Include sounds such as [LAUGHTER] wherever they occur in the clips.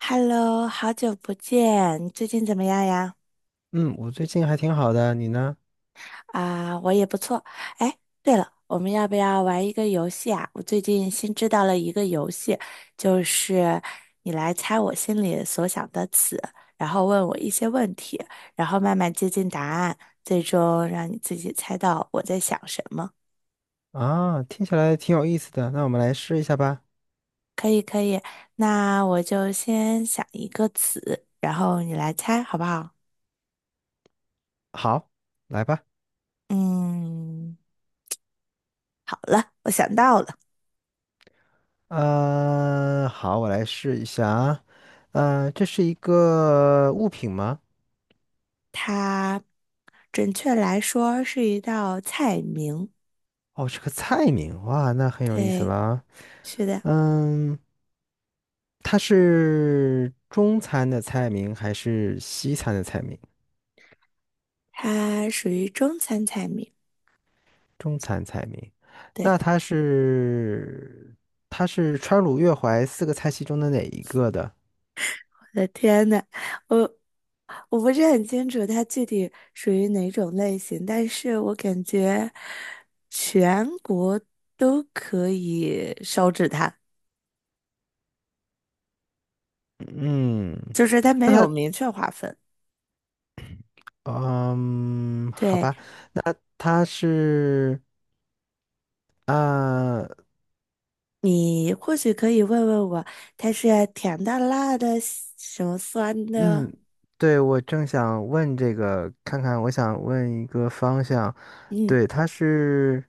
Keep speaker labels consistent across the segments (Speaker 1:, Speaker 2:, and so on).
Speaker 1: Hello，好久不见，你最近怎么样呀？
Speaker 2: 嗯，我最近还挺好的，你呢？
Speaker 1: 啊，我也不错。哎，对了，我们要不要玩一个游戏啊？我最近新知道了一个游戏，就是你来猜我心里所想的词，然后问我一些问题，然后慢慢接近答案，最终让你自己猜到我在想什么。
Speaker 2: 啊，听起来挺有意思的，那我们来试一下吧。
Speaker 1: 可以，可以。那我就先想一个词，然后你来猜，好不好？
Speaker 2: 好，来吧。
Speaker 1: 嗯，好了，我想到了，
Speaker 2: 好，我来试一下啊。这是一个物品吗？
Speaker 1: 它。准确来说是一道菜名。
Speaker 2: 哦，是个菜名，哇，那很有意思
Speaker 1: 对，
Speaker 2: 了啊。
Speaker 1: 是的，
Speaker 2: 嗯，它是中餐的菜名还是西餐的菜名？
Speaker 1: 它属于中餐菜名。
Speaker 2: 中餐菜名。那
Speaker 1: 对，
Speaker 2: 它是它是川鲁粤淮四个菜系中的哪一个的？
Speaker 1: 我的天呐，我我不是很清楚它具体属于哪种类型，但是我感觉全国都可以烧制它，
Speaker 2: 嗯，
Speaker 1: 就是它没
Speaker 2: 那
Speaker 1: 有
Speaker 2: 他，
Speaker 1: 明确划分。
Speaker 2: 嗯，好
Speaker 1: 对，
Speaker 2: 吧，那他是啊，
Speaker 1: 你或许可以问问我，它是甜的、辣的、什么酸的？
Speaker 2: 嗯，对，我正想问这个，看看，我想问一个方向，
Speaker 1: 嗯。
Speaker 2: 对，它是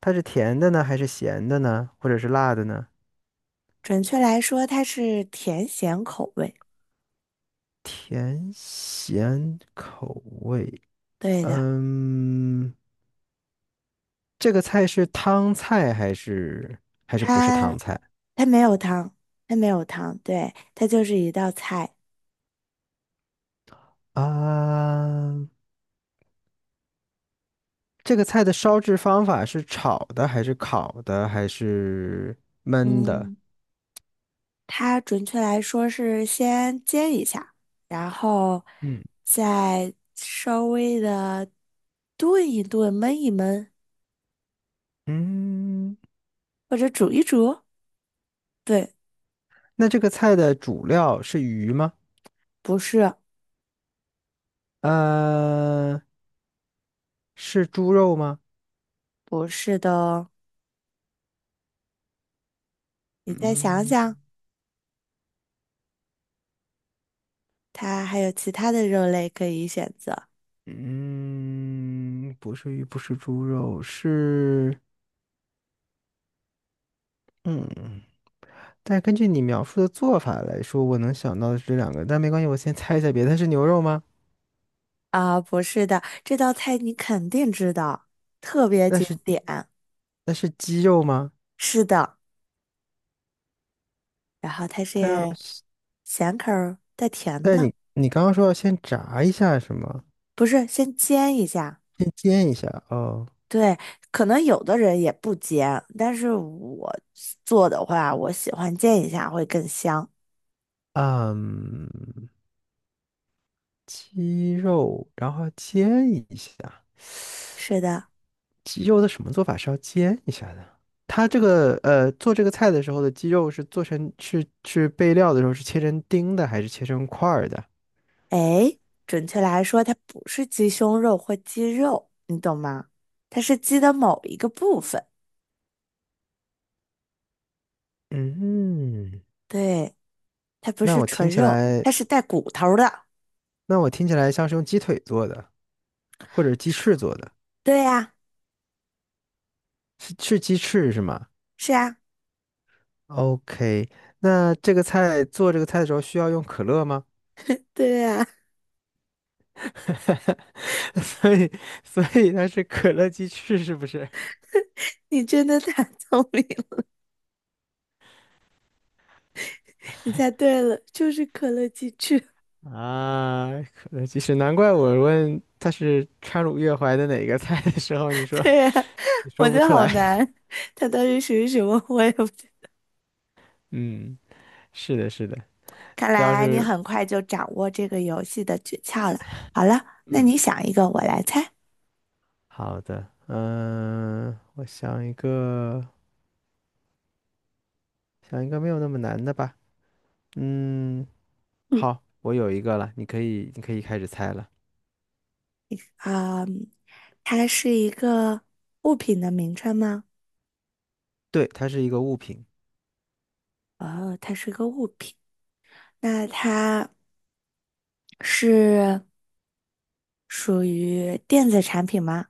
Speaker 2: 它是甜的呢，还是咸的呢，或者是辣的呢？
Speaker 1: 准确来说，它是甜咸口味。
Speaker 2: 甜咸口味，
Speaker 1: 对的，
Speaker 2: 嗯，这个菜是汤菜还是还是不是汤
Speaker 1: 它
Speaker 2: 菜
Speaker 1: 它没有汤，它没有汤，对，它就是一道菜。
Speaker 2: 啊？这个菜的烧制方法是炒的，还是烤的，还是焖的？
Speaker 1: 嗯，它准确来说是先煎一下，然后
Speaker 2: 嗯，
Speaker 1: 再稍微的炖一炖、焖一焖，
Speaker 2: 嗯，
Speaker 1: 或者煮一煮。对，
Speaker 2: 那这个菜的主料是鱼吗？
Speaker 1: 不是，
Speaker 2: 呃，是猪肉吗？
Speaker 1: 不是的哦，你再想
Speaker 2: 嗯
Speaker 1: 想，它还有其他的肉类可以选择。
Speaker 2: 嗯，不是鱼，不是猪肉，是嗯。但根据你描述的做法来说，我能想到的是这两个，但没关系，我先猜一下别的。它是牛肉吗？
Speaker 1: 啊，不是的，这道菜你肯定知道，特别
Speaker 2: 那
Speaker 1: 经
Speaker 2: 是
Speaker 1: 典。
Speaker 2: 那是鸡肉吗？
Speaker 1: 是的，然后它
Speaker 2: 它要
Speaker 1: 是
Speaker 2: 是
Speaker 1: 咸口儿带甜
Speaker 2: 但
Speaker 1: 的，
Speaker 2: 你刚刚说要先炸一下是吗？
Speaker 1: 不是先煎一下。
Speaker 2: 先煎一下哦，
Speaker 1: 对，可能有的人也不煎，但是我做的话，我喜欢煎一下会更香。
Speaker 2: 嗯，鸡肉，然后煎一下。
Speaker 1: 是的，
Speaker 2: 鸡肉的什么做法是要煎一下的？它这个做这个菜的时候的鸡肉是做成是备料的时候是切成丁的还是切成块儿的？
Speaker 1: 哎，准确来说，它不是鸡胸肉或鸡肉，你懂吗？它是鸡的某一个部分，
Speaker 2: 嗯，
Speaker 1: 对，它不
Speaker 2: 那
Speaker 1: 是
Speaker 2: 我
Speaker 1: 纯
Speaker 2: 听起
Speaker 1: 肉，
Speaker 2: 来，
Speaker 1: 它是带骨头的。
Speaker 2: 那我听起来像是用鸡腿做的，或者鸡翅做的，
Speaker 1: 对呀、
Speaker 2: 是鸡翅是吗？
Speaker 1: 是啊，
Speaker 2: OK，那这个菜做这个菜的时候需要用可乐吗？
Speaker 1: [LAUGHS] 对啊，
Speaker 2: [LAUGHS] 所以，所以它是可乐鸡翅是不是？
Speaker 1: [LAUGHS] 你真的太聪明了，[LAUGHS] 你猜对了，就是可乐鸡翅。
Speaker 2: 啊，可乐鸡翅，难怪我问它是川鲁粤淮的哪个菜的时候，
Speaker 1: [LAUGHS] 对啊，
Speaker 2: 你
Speaker 1: [LAUGHS] 我
Speaker 2: 说
Speaker 1: 觉
Speaker 2: 不
Speaker 1: 得
Speaker 2: 出
Speaker 1: 好
Speaker 2: 来。[LAUGHS]
Speaker 1: 难，它到底属于什么 [LAUGHS] 我也不知道
Speaker 2: 嗯，是的，是的，
Speaker 1: 看
Speaker 2: 这要
Speaker 1: 来你
Speaker 2: 是
Speaker 1: 很快就掌握这个游戏的诀窍了。好了，那
Speaker 2: 嗯，
Speaker 1: 你想一个，我来猜。
Speaker 2: 好的，嗯，我想一个，想一个没有那么难的吧。嗯，
Speaker 1: 嗯
Speaker 2: 好，我有一个了，你可以开始猜了。
Speaker 1: 啊，它是一个物品的名称吗？
Speaker 2: 对，它是一个物品。
Speaker 1: 哦，它是个物品。那它是属于电子产品吗？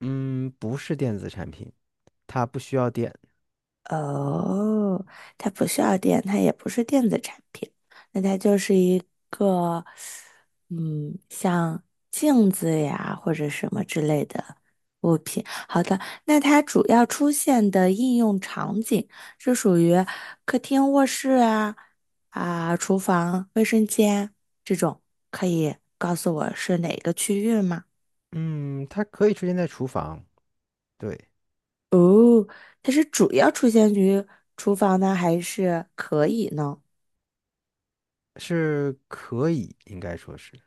Speaker 2: 嗯，不是电子产品，它不需要电。
Speaker 1: 哦，它不需要电，它也不是电子产品，那它就是一个，嗯，像镜子呀或者什么之类的物品。好的，那它主要出现的应用场景是属于客厅、卧室啊、啊、厨房、卫生间这种，可以告诉我是哪个区域吗？
Speaker 2: 嗯，它可以出现在厨房，对，
Speaker 1: 它是主要出现于厨房呢，还是可以呢？
Speaker 2: 是可以，应该说是。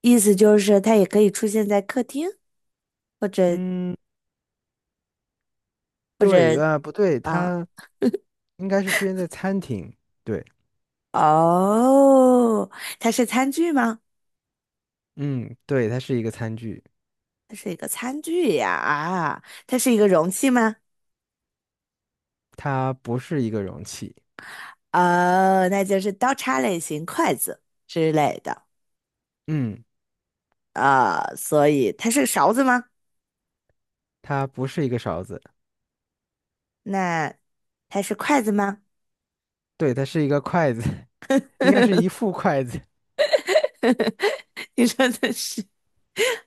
Speaker 1: 意思就是它也可以出现在客厅，或者
Speaker 2: 嗯，
Speaker 1: 或者
Speaker 2: 对，啊，不对，
Speaker 1: 啊，
Speaker 2: 它应该是出现在餐厅，对，
Speaker 1: 哦，它是餐具吗？
Speaker 2: 嗯，对，它是一个餐具，
Speaker 1: 它是一个餐具呀，啊，它是一个容器吗？
Speaker 2: 它不是一个容器，
Speaker 1: 哦，那就是刀叉类型、筷子之类的
Speaker 2: 嗯，
Speaker 1: 啊，所以它是勺子吗？
Speaker 2: 它不是一个勺子，
Speaker 1: 那它是筷子吗？
Speaker 2: 对，它是一个筷子，[LAUGHS] 应该是一
Speaker 1: [LAUGHS]
Speaker 2: 副筷子。[LAUGHS]
Speaker 1: 你说的是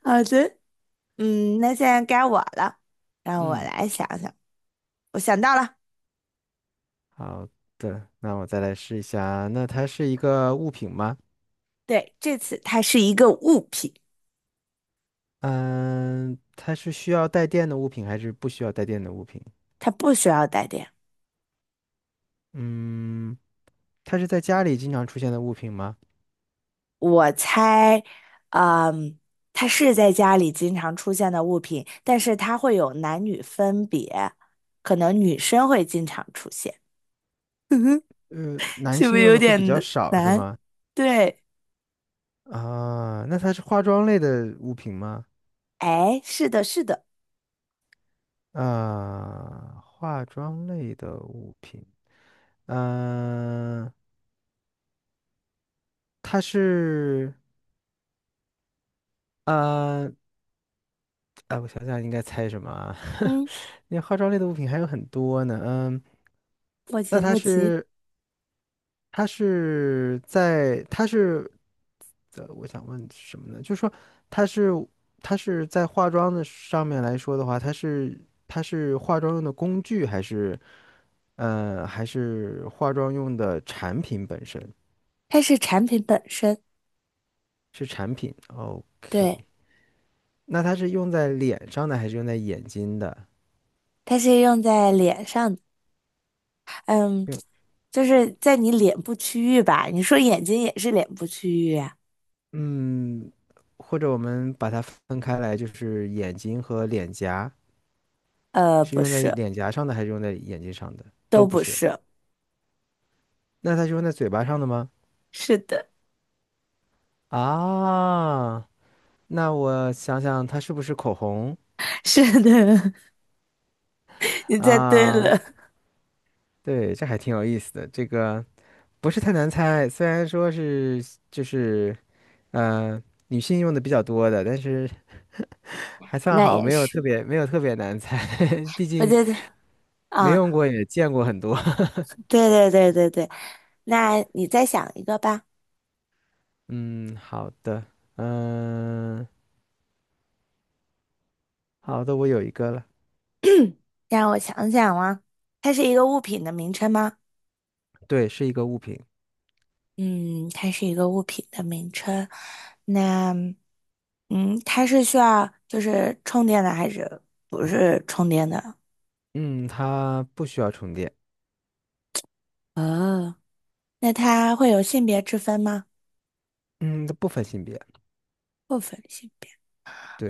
Speaker 1: 好的，嗯，那现在该我了，让我
Speaker 2: 嗯，
Speaker 1: 来想想，我想到了，
Speaker 2: 好的，那我再来试一下，那它是一个物品吗？
Speaker 1: 对，这次它是一个物品。
Speaker 2: 嗯，它是需要带电的物品还是不需要带电的物品？
Speaker 1: 它不需要带电。
Speaker 2: 嗯，它是在家里经常出现的物品吗？
Speaker 1: 我猜，嗯，它是在家里经常出现的物品，但是它会有男女分别，可能女生会经常出现。[LAUGHS]
Speaker 2: 男
Speaker 1: 是不
Speaker 2: 性
Speaker 1: 是
Speaker 2: 用
Speaker 1: 有
Speaker 2: 的会比
Speaker 1: 点
Speaker 2: 较
Speaker 1: 难？
Speaker 2: 少是吗？
Speaker 1: 对，
Speaker 2: 啊，那它是化妆类的物品吗？
Speaker 1: 哎，是的，是的，
Speaker 2: 啊，化妆类的物品，嗯，它是，呃，哎，我想想应该猜什么啊？
Speaker 1: 嗯，
Speaker 2: [LAUGHS] 那化妆类的物品还有很多呢，嗯，
Speaker 1: 不
Speaker 2: 那
Speaker 1: 急
Speaker 2: 它
Speaker 1: 不急，
Speaker 2: 是。它是在，它是，我想问什么呢？就是说，它是，它是在化妆的上面来说的话，它是，它是化妆用的工具，还是，还是化妆用的产品本身？
Speaker 1: 它是产品本身，
Speaker 2: 是产品。哦
Speaker 1: 对，
Speaker 2: OK，那它是用在脸上的，还是用在眼睛的？
Speaker 1: 它是用在脸上的，嗯，
Speaker 2: 用，
Speaker 1: 就是在你脸部区域吧？你说眼睛也是脸部区域啊？
Speaker 2: 嗯，或者我们把它分开来，就是眼睛和脸颊，
Speaker 1: 呃，
Speaker 2: 是
Speaker 1: 不
Speaker 2: 用在
Speaker 1: 是，
Speaker 2: 脸颊上的，还是用在眼睛上的？
Speaker 1: 都
Speaker 2: 都不
Speaker 1: 不
Speaker 2: 是。
Speaker 1: 是，
Speaker 2: 那他是用在嘴巴上的吗？
Speaker 1: 是的。
Speaker 2: 啊，那我想想，它是不是口红
Speaker 1: [LAUGHS] 是的，[LAUGHS] 你猜对
Speaker 2: 啊？
Speaker 1: 了，
Speaker 2: 对，这还挺有意思的。这个不是太难猜，虽然说是就是呃女性用的比较多的，但是还算
Speaker 1: 那
Speaker 2: 好，
Speaker 1: 也
Speaker 2: 没有特
Speaker 1: 是。
Speaker 2: 别没有特别难猜，[LAUGHS] 毕
Speaker 1: 我
Speaker 2: 竟
Speaker 1: 觉得
Speaker 2: 没
Speaker 1: 啊，
Speaker 2: 用过也见过很多。[LAUGHS]
Speaker 1: 对对对对对，那你再想一个吧，
Speaker 2: 嗯，好的，嗯、好的，我有一个了。
Speaker 1: 让我想想啊，它是一个物品的名称吗？
Speaker 2: 对，是一个物品。
Speaker 1: 嗯，它是一个物品的名称，那嗯，它是需要就是充电的还是不是充电的？
Speaker 2: 嗯，它不需要充电。
Speaker 1: 哦，那它会有性别之分吗？
Speaker 2: 嗯，它不分性别。
Speaker 1: 不分性。别。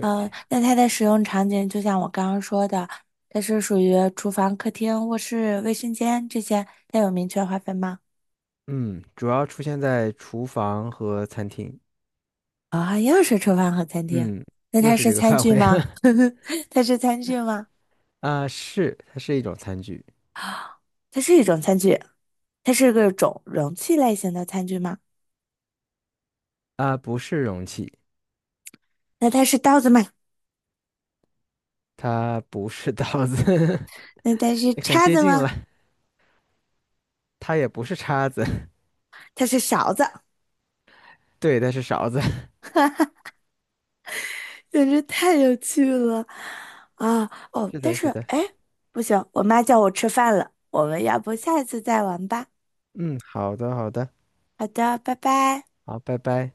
Speaker 1: 呃，那它的使用场景就像我刚刚说的，它是属于厨房、客厅、卧室、卫生间这些，它有明确划分吗？
Speaker 2: 嗯，主要出现在厨房和餐厅。
Speaker 1: 啊、又是厨房和餐厅，
Speaker 2: 嗯，
Speaker 1: 那
Speaker 2: 又
Speaker 1: 它
Speaker 2: 是
Speaker 1: 是
Speaker 2: 这个 [LAUGHS]
Speaker 1: 餐
Speaker 2: 范
Speaker 1: 具
Speaker 2: 围
Speaker 1: 吗？
Speaker 2: 了。
Speaker 1: [LAUGHS] 它是餐具吗？
Speaker 2: [LAUGHS] 啊，是，它是一种餐具。
Speaker 1: 它是一种餐具，它是个种容器类型的餐具吗？
Speaker 2: 啊，不是容器，
Speaker 1: 那它是刀子吗？
Speaker 2: 它不是刀子，[LAUGHS]
Speaker 1: 那它是
Speaker 2: 很
Speaker 1: 叉
Speaker 2: 接
Speaker 1: 子
Speaker 2: 近了。
Speaker 1: 吗？
Speaker 2: 它也不是叉子，
Speaker 1: 它是勺子，
Speaker 2: [LAUGHS] 对，它是勺子。[LAUGHS]
Speaker 1: 简直太有趣了啊！哦，
Speaker 2: 是
Speaker 1: 但
Speaker 2: 的，
Speaker 1: 是
Speaker 2: 是的。
Speaker 1: 哎，不行，我妈叫我吃饭了，我们要不下一次再玩吧？
Speaker 2: 嗯，好的，好的，
Speaker 1: 好的，拜拜。
Speaker 2: 好，拜拜。